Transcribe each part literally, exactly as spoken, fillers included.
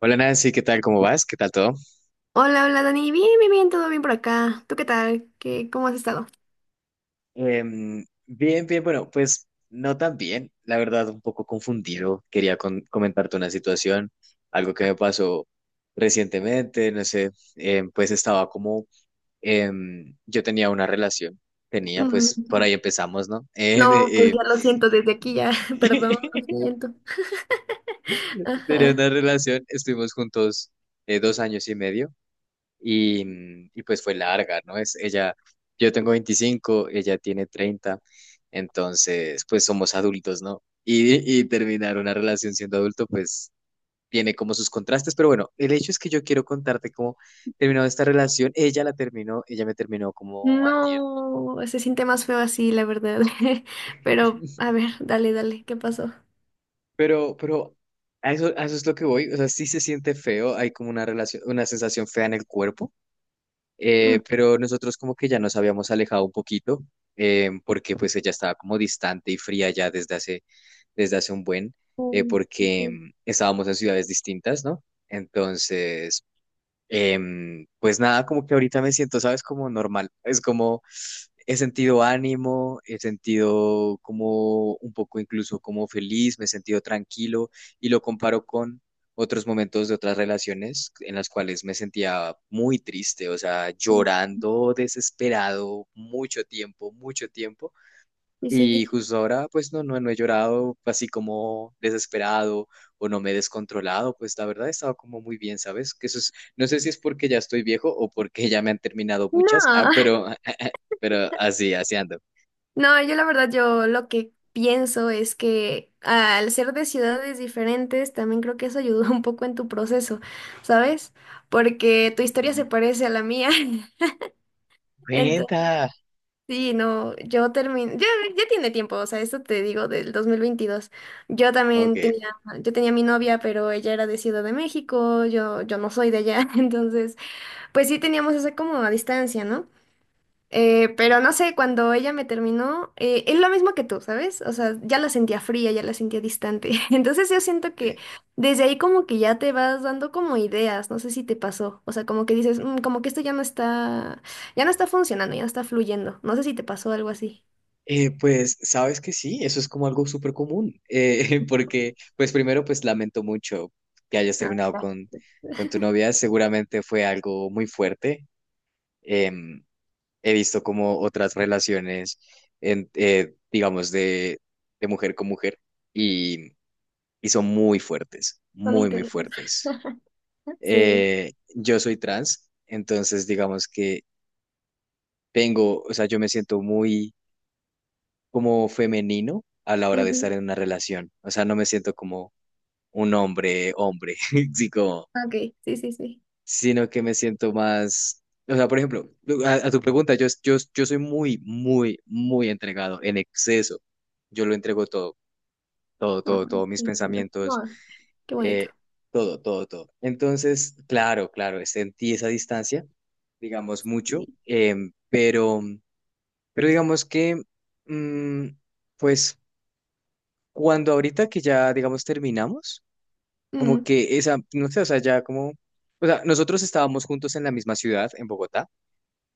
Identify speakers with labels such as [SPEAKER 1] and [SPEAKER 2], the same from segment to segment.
[SPEAKER 1] Hola Nancy, ¿qué tal? ¿Cómo vas? ¿Qué tal todo?
[SPEAKER 2] Hola, hola Dani, bien, bien, bien, todo bien por acá. ¿Tú qué tal? ¿Qué, cómo has estado?
[SPEAKER 1] Em, bien, bien, bueno, pues no tan bien, la verdad, un poco confundido. Quería con- comentarte una situación, algo que me pasó recientemente, no sé, em, pues estaba como, em, yo tenía una relación, tenía, pues por
[SPEAKER 2] Mm.
[SPEAKER 1] ahí empezamos, ¿no? Eh,
[SPEAKER 2] No, pues
[SPEAKER 1] eh,
[SPEAKER 2] ya lo siento desde aquí, ya, perdón, lo
[SPEAKER 1] eh,
[SPEAKER 2] siento.
[SPEAKER 1] tenía
[SPEAKER 2] Ajá.
[SPEAKER 1] una relación, estuvimos juntos eh, dos años y medio. y, y pues fue larga, ¿no? Es ella, yo tengo veinticinco, ella tiene treinta, entonces pues somos adultos, ¿no? Y, y terminar una relación siendo adulto pues tiene como sus contrastes, pero bueno, el hecho es que yo quiero contarte cómo terminó esta relación, ella la terminó, ella me terminó como antier,
[SPEAKER 2] No, se siente más feo así, la verdad. Pero, a ver, dale, dale, ¿qué pasó?
[SPEAKER 1] pero, pero a eso, a eso es lo que voy, o sea, sí se siente feo, hay como una relación, una sensación fea en el cuerpo. Eh,
[SPEAKER 2] Mm.
[SPEAKER 1] pero nosotros como que ya nos habíamos alejado un poquito, eh, porque pues ella estaba como distante y fría ya desde hace, desde hace un buen, eh,
[SPEAKER 2] Mm.
[SPEAKER 1] porque
[SPEAKER 2] Sí,
[SPEAKER 1] mm, estábamos en ciudades distintas, ¿no? Entonces, Em, pues nada, como que ahorita me siento, ¿sabes? Como normal. Es como he sentido ánimo, he sentido como un poco incluso como feliz, me he sentido tranquilo y lo comparo con otros momentos de otras relaciones en las cuales me sentía muy triste, o sea,
[SPEAKER 2] sí,
[SPEAKER 1] llorando, desesperado, mucho tiempo, mucho tiempo.
[SPEAKER 2] sí.
[SPEAKER 1] Y
[SPEAKER 2] Sí.
[SPEAKER 1] justo ahora, pues no, no, no he llorado así como desesperado o no me he descontrolado, pues la verdad he estado como muy bien, ¿sabes? Que eso es, no sé si es porque ya estoy viejo o porque ya me han terminado muchas, ah,
[SPEAKER 2] No.
[SPEAKER 1] pero, pero así, así ando.
[SPEAKER 2] No, yo la verdad, yo lo que pienso es que al ser de ciudades diferentes, también creo que eso ayudó un poco en tu proceso, ¿sabes? Porque tu historia se
[SPEAKER 1] Mm.
[SPEAKER 2] parece a la mía. Entonces,
[SPEAKER 1] Cuenta.
[SPEAKER 2] sí, no, yo terminé, ya, ya tiene tiempo, o sea, esto te digo del dos mil veintidós. Yo también
[SPEAKER 1] Ok.
[SPEAKER 2] tenía, yo tenía mi novia, pero ella era de Ciudad de México, yo, yo no soy de allá, entonces, pues sí teníamos esa como a distancia, ¿no? Eh, pero no sé, cuando ella me terminó, eh, es lo mismo que tú, ¿sabes? O sea, ya la sentía fría, ya la sentía distante. Entonces yo siento que
[SPEAKER 1] Sí.
[SPEAKER 2] desde ahí como que ya te vas dando como ideas, no sé si te pasó. O sea, como que dices, "Mm, como que esto ya no está, ya no está funcionando, ya no está fluyendo". No sé si te pasó algo así.
[SPEAKER 1] Eh, pues sabes que sí, eso es como algo súper común, eh, porque pues primero pues lamento mucho que hayas
[SPEAKER 2] Ah,
[SPEAKER 1] terminado
[SPEAKER 2] ya.
[SPEAKER 1] con, con tu novia, seguramente fue algo muy fuerte. em, He visto como otras relaciones, en, eh, digamos, de, de mujer con mujer y, y son muy fuertes,
[SPEAKER 2] Son
[SPEAKER 1] muy, muy
[SPEAKER 2] intensos.
[SPEAKER 1] fuertes.
[SPEAKER 2] Sí.
[SPEAKER 1] Eh, yo soy trans, entonces digamos que tengo, o sea, yo me siento muy como femenino a la hora de estar
[SPEAKER 2] Ujú.
[SPEAKER 1] en una relación, o sea, no me siento como un hombre, hombre, sí, como
[SPEAKER 2] Ok, sí, sí, sí.
[SPEAKER 1] sino que me siento más, o sea, por ejemplo, a, a tu pregunta, yo, yo, yo soy muy, muy, muy entregado, en exceso. Yo lo entrego todo, todo, todo,
[SPEAKER 2] Ay,
[SPEAKER 1] todo, mis
[SPEAKER 2] qué lindo.
[SPEAKER 1] pensamientos,
[SPEAKER 2] No, qué bonito.
[SPEAKER 1] eh, todo, todo, todo. Entonces, claro, claro, sentí esa distancia, digamos, mucho,
[SPEAKER 2] Sí.
[SPEAKER 1] em, pero, pero digamos que, mm, pues, cuando ahorita que ya, digamos, terminamos, como
[SPEAKER 2] Ujú,
[SPEAKER 1] que esa, no sé, o sea, ya como, o sea, nosotros estábamos juntos en la misma ciudad, en Bogotá.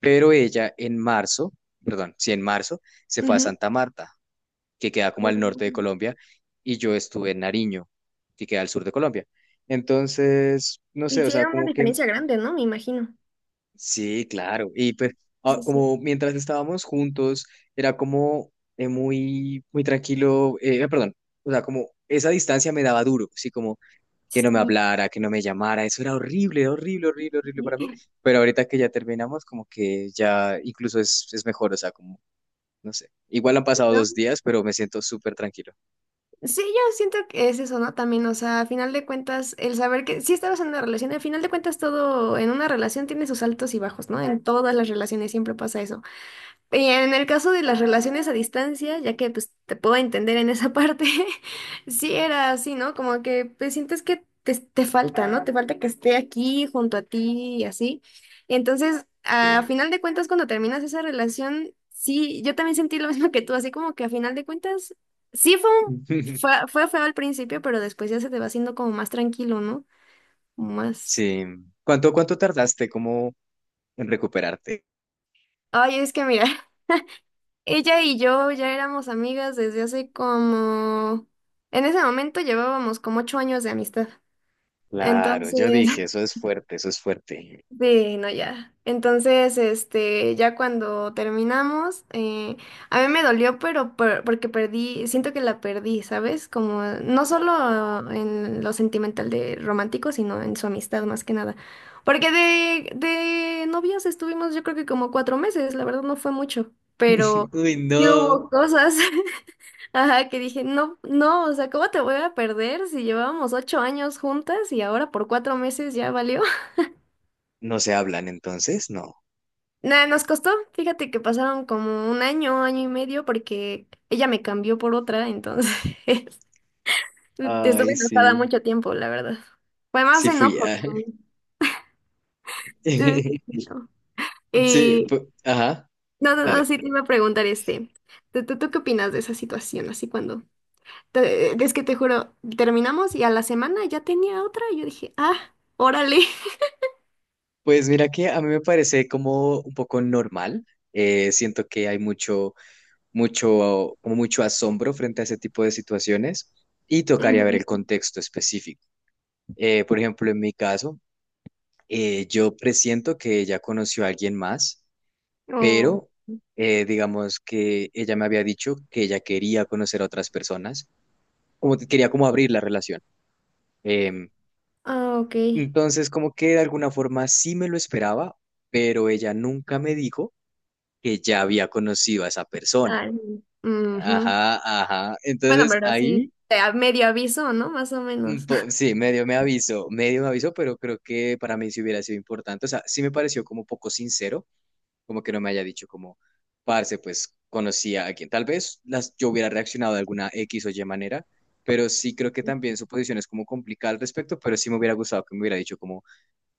[SPEAKER 1] Pero ella en marzo, perdón, sí, en marzo, se fue a
[SPEAKER 2] ujú.
[SPEAKER 1] Santa Marta, que queda como al
[SPEAKER 2] Oh.
[SPEAKER 1] norte de Colombia, y yo estuve en Nariño, que queda al sur de Colombia. Entonces, no sé, o sea,
[SPEAKER 2] Hiciera una
[SPEAKER 1] como que
[SPEAKER 2] diferencia grande, ¿no? Me imagino.
[SPEAKER 1] sí, claro. Y pues, ah,
[SPEAKER 2] Sí, sí.
[SPEAKER 1] como mientras estábamos juntos, era como eh, muy, muy tranquilo, eh, perdón, o sea, como esa distancia me daba duro, sí, como que no me
[SPEAKER 2] Sí,
[SPEAKER 1] hablara, que no me llamara, eso era horrible, horrible, horrible, horrible para mí, pero ahorita que ya terminamos, como que ya incluso es, es mejor, o sea, como, no sé, igual han pasado
[SPEAKER 2] ¿no?
[SPEAKER 1] dos días, pero me siento súper tranquilo.
[SPEAKER 2] Sí, yo siento que es eso, ¿no? También, o sea, a final de cuentas, el saber que sí estabas en una relación, al final de cuentas todo en una relación tiene sus altos y bajos, ¿no? En todas las relaciones siempre pasa eso. Y en el caso de las relaciones a distancia, ya que pues te puedo entender en esa parte, sí era así, ¿no? Como que pues, sientes que te, te falta, ¿no? Te falta que esté aquí junto a ti y así. Entonces, a
[SPEAKER 1] Sí.
[SPEAKER 2] final de cuentas, cuando terminas esa relación, sí, yo también sentí lo mismo que tú, así como que a final de cuentas, sí fue un- fue, fue feo al principio, pero después ya se te va haciendo como más tranquilo, ¿no? Como más...
[SPEAKER 1] Sí. ¿Cuánto, cuánto tardaste como en recuperarte?
[SPEAKER 2] Ay, es que mira. Ella y yo ya éramos amigas desde hace como... En ese momento llevábamos como ocho años de amistad.
[SPEAKER 1] Claro, yo
[SPEAKER 2] Entonces,
[SPEAKER 1] dije, eso es fuerte, eso es fuerte.
[SPEAKER 2] sí, no, ya. Entonces, este, ya cuando terminamos, eh, a mí me dolió, pero por- porque perdí, siento que la perdí, ¿sabes? Como no
[SPEAKER 1] Oh.
[SPEAKER 2] solo en lo sentimental de romántico, sino en su amistad más que nada. Porque de, de novios estuvimos yo creo que como cuatro meses, la verdad no fue mucho, pero
[SPEAKER 1] Uy,
[SPEAKER 2] sí
[SPEAKER 1] no.
[SPEAKER 2] hubo cosas. Ajá, que dije, no, no, o sea, ¿cómo te voy a perder si llevábamos ocho años juntas y ahora por cuatro meses ya valió?
[SPEAKER 1] ¿No se hablan entonces? No.
[SPEAKER 2] Nada, nos costó. Fíjate que pasaron como un año, año y medio, porque ella me cambió por otra, entonces estuve
[SPEAKER 1] Ay,
[SPEAKER 2] enojada
[SPEAKER 1] sí.
[SPEAKER 2] mucho tiempo, la verdad. Fue más
[SPEAKER 1] Sí fui.
[SPEAKER 2] enojo.
[SPEAKER 1] Ah.
[SPEAKER 2] eh, no.
[SPEAKER 1] Sí,
[SPEAKER 2] Y
[SPEAKER 1] pu- ajá,
[SPEAKER 2] no, no, no,
[SPEAKER 1] dale.
[SPEAKER 2] sí te iba a preguntar este. ¿Tú, tú, tú qué opinas de esa situación? Así cuando. Te- es que te juro, terminamos y a la semana ya tenía otra. Y yo dije, ah, órale.
[SPEAKER 1] Pues mira que a mí me parece como un poco normal. Eh, siento que hay mucho, mucho, como mucho asombro frente a ese tipo de situaciones y tocaría ver
[SPEAKER 2] Ujú.
[SPEAKER 1] el contexto específico. Eh, por ejemplo, en mi caso, eh, yo presiento que ella conoció a alguien más,
[SPEAKER 2] Oh,
[SPEAKER 1] pero eh, digamos que ella me había dicho que ella quería conocer a otras personas, como que quería como abrir la relación. Em,
[SPEAKER 2] ah, ok.
[SPEAKER 1] entonces, como que de alguna forma sí me lo esperaba, pero ella nunca me dijo que ya había conocido a esa persona.
[SPEAKER 2] Ah, ujú.
[SPEAKER 1] Ajá, ajá.
[SPEAKER 2] Bueno,
[SPEAKER 1] Entonces
[SPEAKER 2] pero sí,
[SPEAKER 1] ahí,
[SPEAKER 2] te a- medio aviso, ¿no? Más o
[SPEAKER 1] mm,
[SPEAKER 2] menos.
[SPEAKER 1] po- sí, medio me avisó, medio me avisó, pero creo que para mí sí hubiera sido importante. O sea, sí me pareció como poco sincero, como que no me haya dicho como, parce, pues conocía a quien. Tal vez las, yo hubiera reaccionado de alguna X o Y manera, pero sí creo que también su posición es como complicada al respecto, pero sí me hubiera gustado que me hubiera dicho como,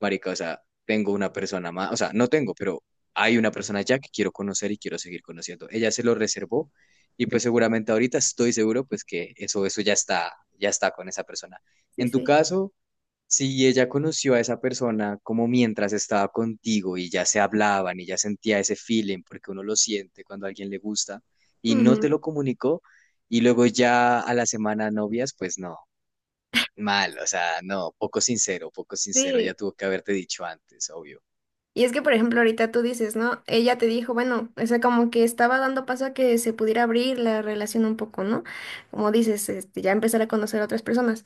[SPEAKER 1] marica, o sea, tengo una persona más, o sea, no tengo, pero hay una persona ya que quiero conocer y quiero seguir conociendo. Ella se lo reservó y pues seguramente ahorita estoy seguro pues que eso, eso ya está, ya está con esa persona.
[SPEAKER 2] Sí,
[SPEAKER 1] En tu
[SPEAKER 2] sí.
[SPEAKER 1] caso, si ella conoció a esa persona como mientras estaba contigo y ya se hablaban y ya sentía ese feeling, porque uno lo siente cuando a alguien le gusta y no te
[SPEAKER 2] Ujú.
[SPEAKER 1] lo comunicó y luego ya a la semana novias, pues no, mal, o sea, no, poco sincero, poco sincero, ya
[SPEAKER 2] Sí.
[SPEAKER 1] tuvo que haberte dicho antes, obvio.
[SPEAKER 2] Y es que, por ejemplo, ahorita tú dices, ¿no? Ella te dijo, bueno, o sea, como que estaba dando paso a que se pudiera abrir la relación un poco, ¿no? Como dices, este, ya empezar a conocer a otras personas,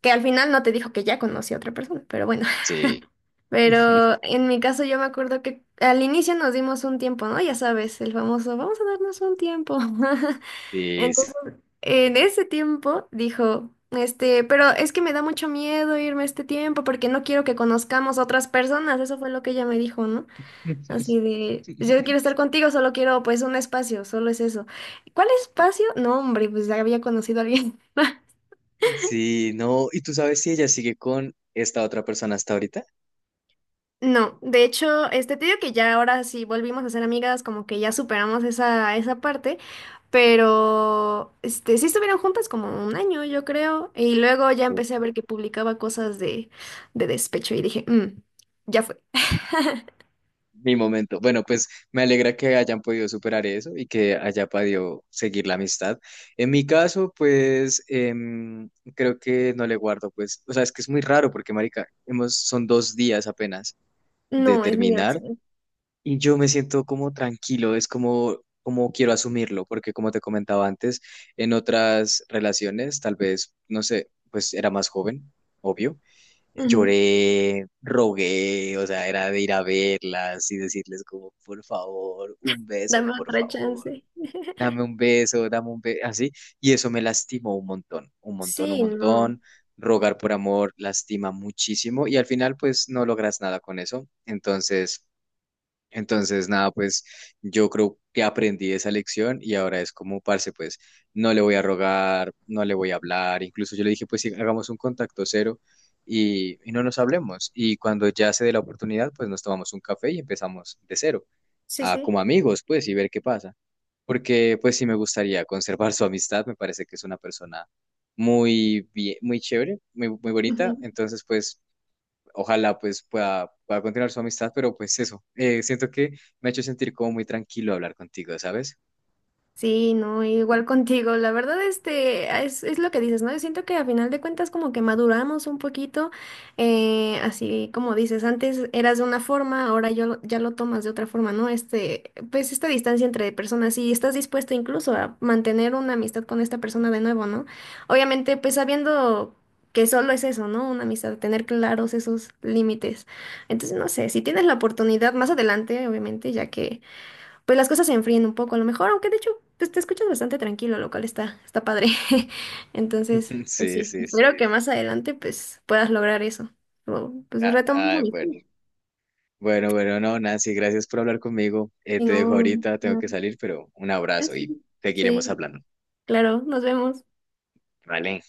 [SPEAKER 2] que al final no te dijo que ya conocía a otra persona, pero bueno. Pero en mi caso yo me acuerdo que al inicio nos dimos un tiempo, ¿no? Ya sabes, el famoso, vamos a darnos un tiempo.
[SPEAKER 1] Sí, sí.
[SPEAKER 2] En ese tiempo dijo, este, pero es que me da mucho miedo irme este tiempo porque no quiero que conozcamos otras personas. Eso fue lo que ella me dijo, ¿no? Así de, "Pues yo quiero estar contigo, solo quiero pues un espacio, solo es eso". ¿Cuál espacio? No, hombre, pues ya había conocido a alguien.
[SPEAKER 1] Sí, no, ¿y tú sabes si ella sigue con esta otra persona hasta ahorita?
[SPEAKER 2] No, de hecho, este, te digo que ya ahora sí volvimos a ser amigas, como que ya superamos esa, esa parte, pero este, sí estuvieron juntas como un año, yo creo, y luego ya
[SPEAKER 1] Sí.
[SPEAKER 2] empecé a ver que publicaba cosas de, de despecho y dije, "Mm, ya fue".
[SPEAKER 1] Mi momento. Bueno, pues me alegra que hayan podido superar eso y que haya podido seguir la amistad. En mi caso, pues em, creo que no le guardo, pues, o sea, es que es muy raro porque, marica, hemos, son dos días apenas de
[SPEAKER 2] No, es mi
[SPEAKER 1] terminar.
[SPEAKER 2] versión.
[SPEAKER 1] Y yo me siento como tranquilo, es como, como quiero asumirlo, porque como te comentaba antes, en otras relaciones, tal vez, no sé, pues era más joven, obvio,
[SPEAKER 2] Ujú.
[SPEAKER 1] lloré, rogué, o sea, era de ir a verlas y decirles como, por favor, un beso,
[SPEAKER 2] Dame
[SPEAKER 1] por
[SPEAKER 2] otra
[SPEAKER 1] favor,
[SPEAKER 2] chance.
[SPEAKER 1] dame un beso, dame un beso, así, y eso me lastimó un montón, un montón, un
[SPEAKER 2] Sí, no.
[SPEAKER 1] montón. Rogar por amor lastima muchísimo y al final pues no logras nada con eso. Entonces... Entonces, nada, pues yo creo que aprendí esa lección y ahora es como, parce, pues no le voy a rogar, no le voy a hablar. Incluso yo le dije, pues sí, hagamos un contacto cero y, y no nos hablemos. Y cuando ya se dé la oportunidad, pues nos tomamos un café y empezamos de cero,
[SPEAKER 2] Sí,
[SPEAKER 1] a,
[SPEAKER 2] sí.
[SPEAKER 1] como amigos, pues, y ver qué pasa. Porque, pues sí, me gustaría conservar su amistad, me parece que es una persona muy bien, muy chévere, muy, muy bonita. Entonces, pues ojalá pues pueda, pueda continuar su amistad, pero pues eso, eh, siento que me ha hecho sentir como muy tranquilo hablar contigo, ¿sabes?
[SPEAKER 2] Sí, no, igual contigo. La verdad, este, ah, es, es lo que dices, ¿no? Yo siento que a final de cuentas como que maduramos un poquito, eh, así como dices, antes eras de una forma, ahora yo, lo- ya lo tomas de otra forma, ¿no? Este, pues esta distancia entre personas y estás dispuesto incluso a mantener una amistad con esta persona de nuevo, ¿no? Obviamente, pues sabiendo que solo es eso, ¿no? Una amistad, tener claros esos límites. Entonces, no sé, si tienes la oportunidad más adelante, obviamente, ya que pues las cosas se enfríen un poco a lo mejor, aunque de hecho pues te escuchas bastante tranquilo, lo cual está, está padre. Entonces, pues
[SPEAKER 1] Sí,
[SPEAKER 2] sí,
[SPEAKER 1] sí, sí.
[SPEAKER 2] espero que más adelante pues puedas lograr eso. O, pues
[SPEAKER 1] Ah,
[SPEAKER 2] retomas
[SPEAKER 1] ah,
[SPEAKER 2] mi.
[SPEAKER 1] bueno, bueno, bueno, no, Nancy, gracias por hablar conmigo. Eh,
[SPEAKER 2] Y
[SPEAKER 1] te dejo
[SPEAKER 2] no,
[SPEAKER 1] ahorita, tengo
[SPEAKER 2] no.
[SPEAKER 1] que salir, pero un
[SPEAKER 2] Ah,
[SPEAKER 1] abrazo y
[SPEAKER 2] sí,
[SPEAKER 1] seguiremos
[SPEAKER 2] sí,
[SPEAKER 1] hablando.
[SPEAKER 2] claro, nos vemos.
[SPEAKER 1] Vale.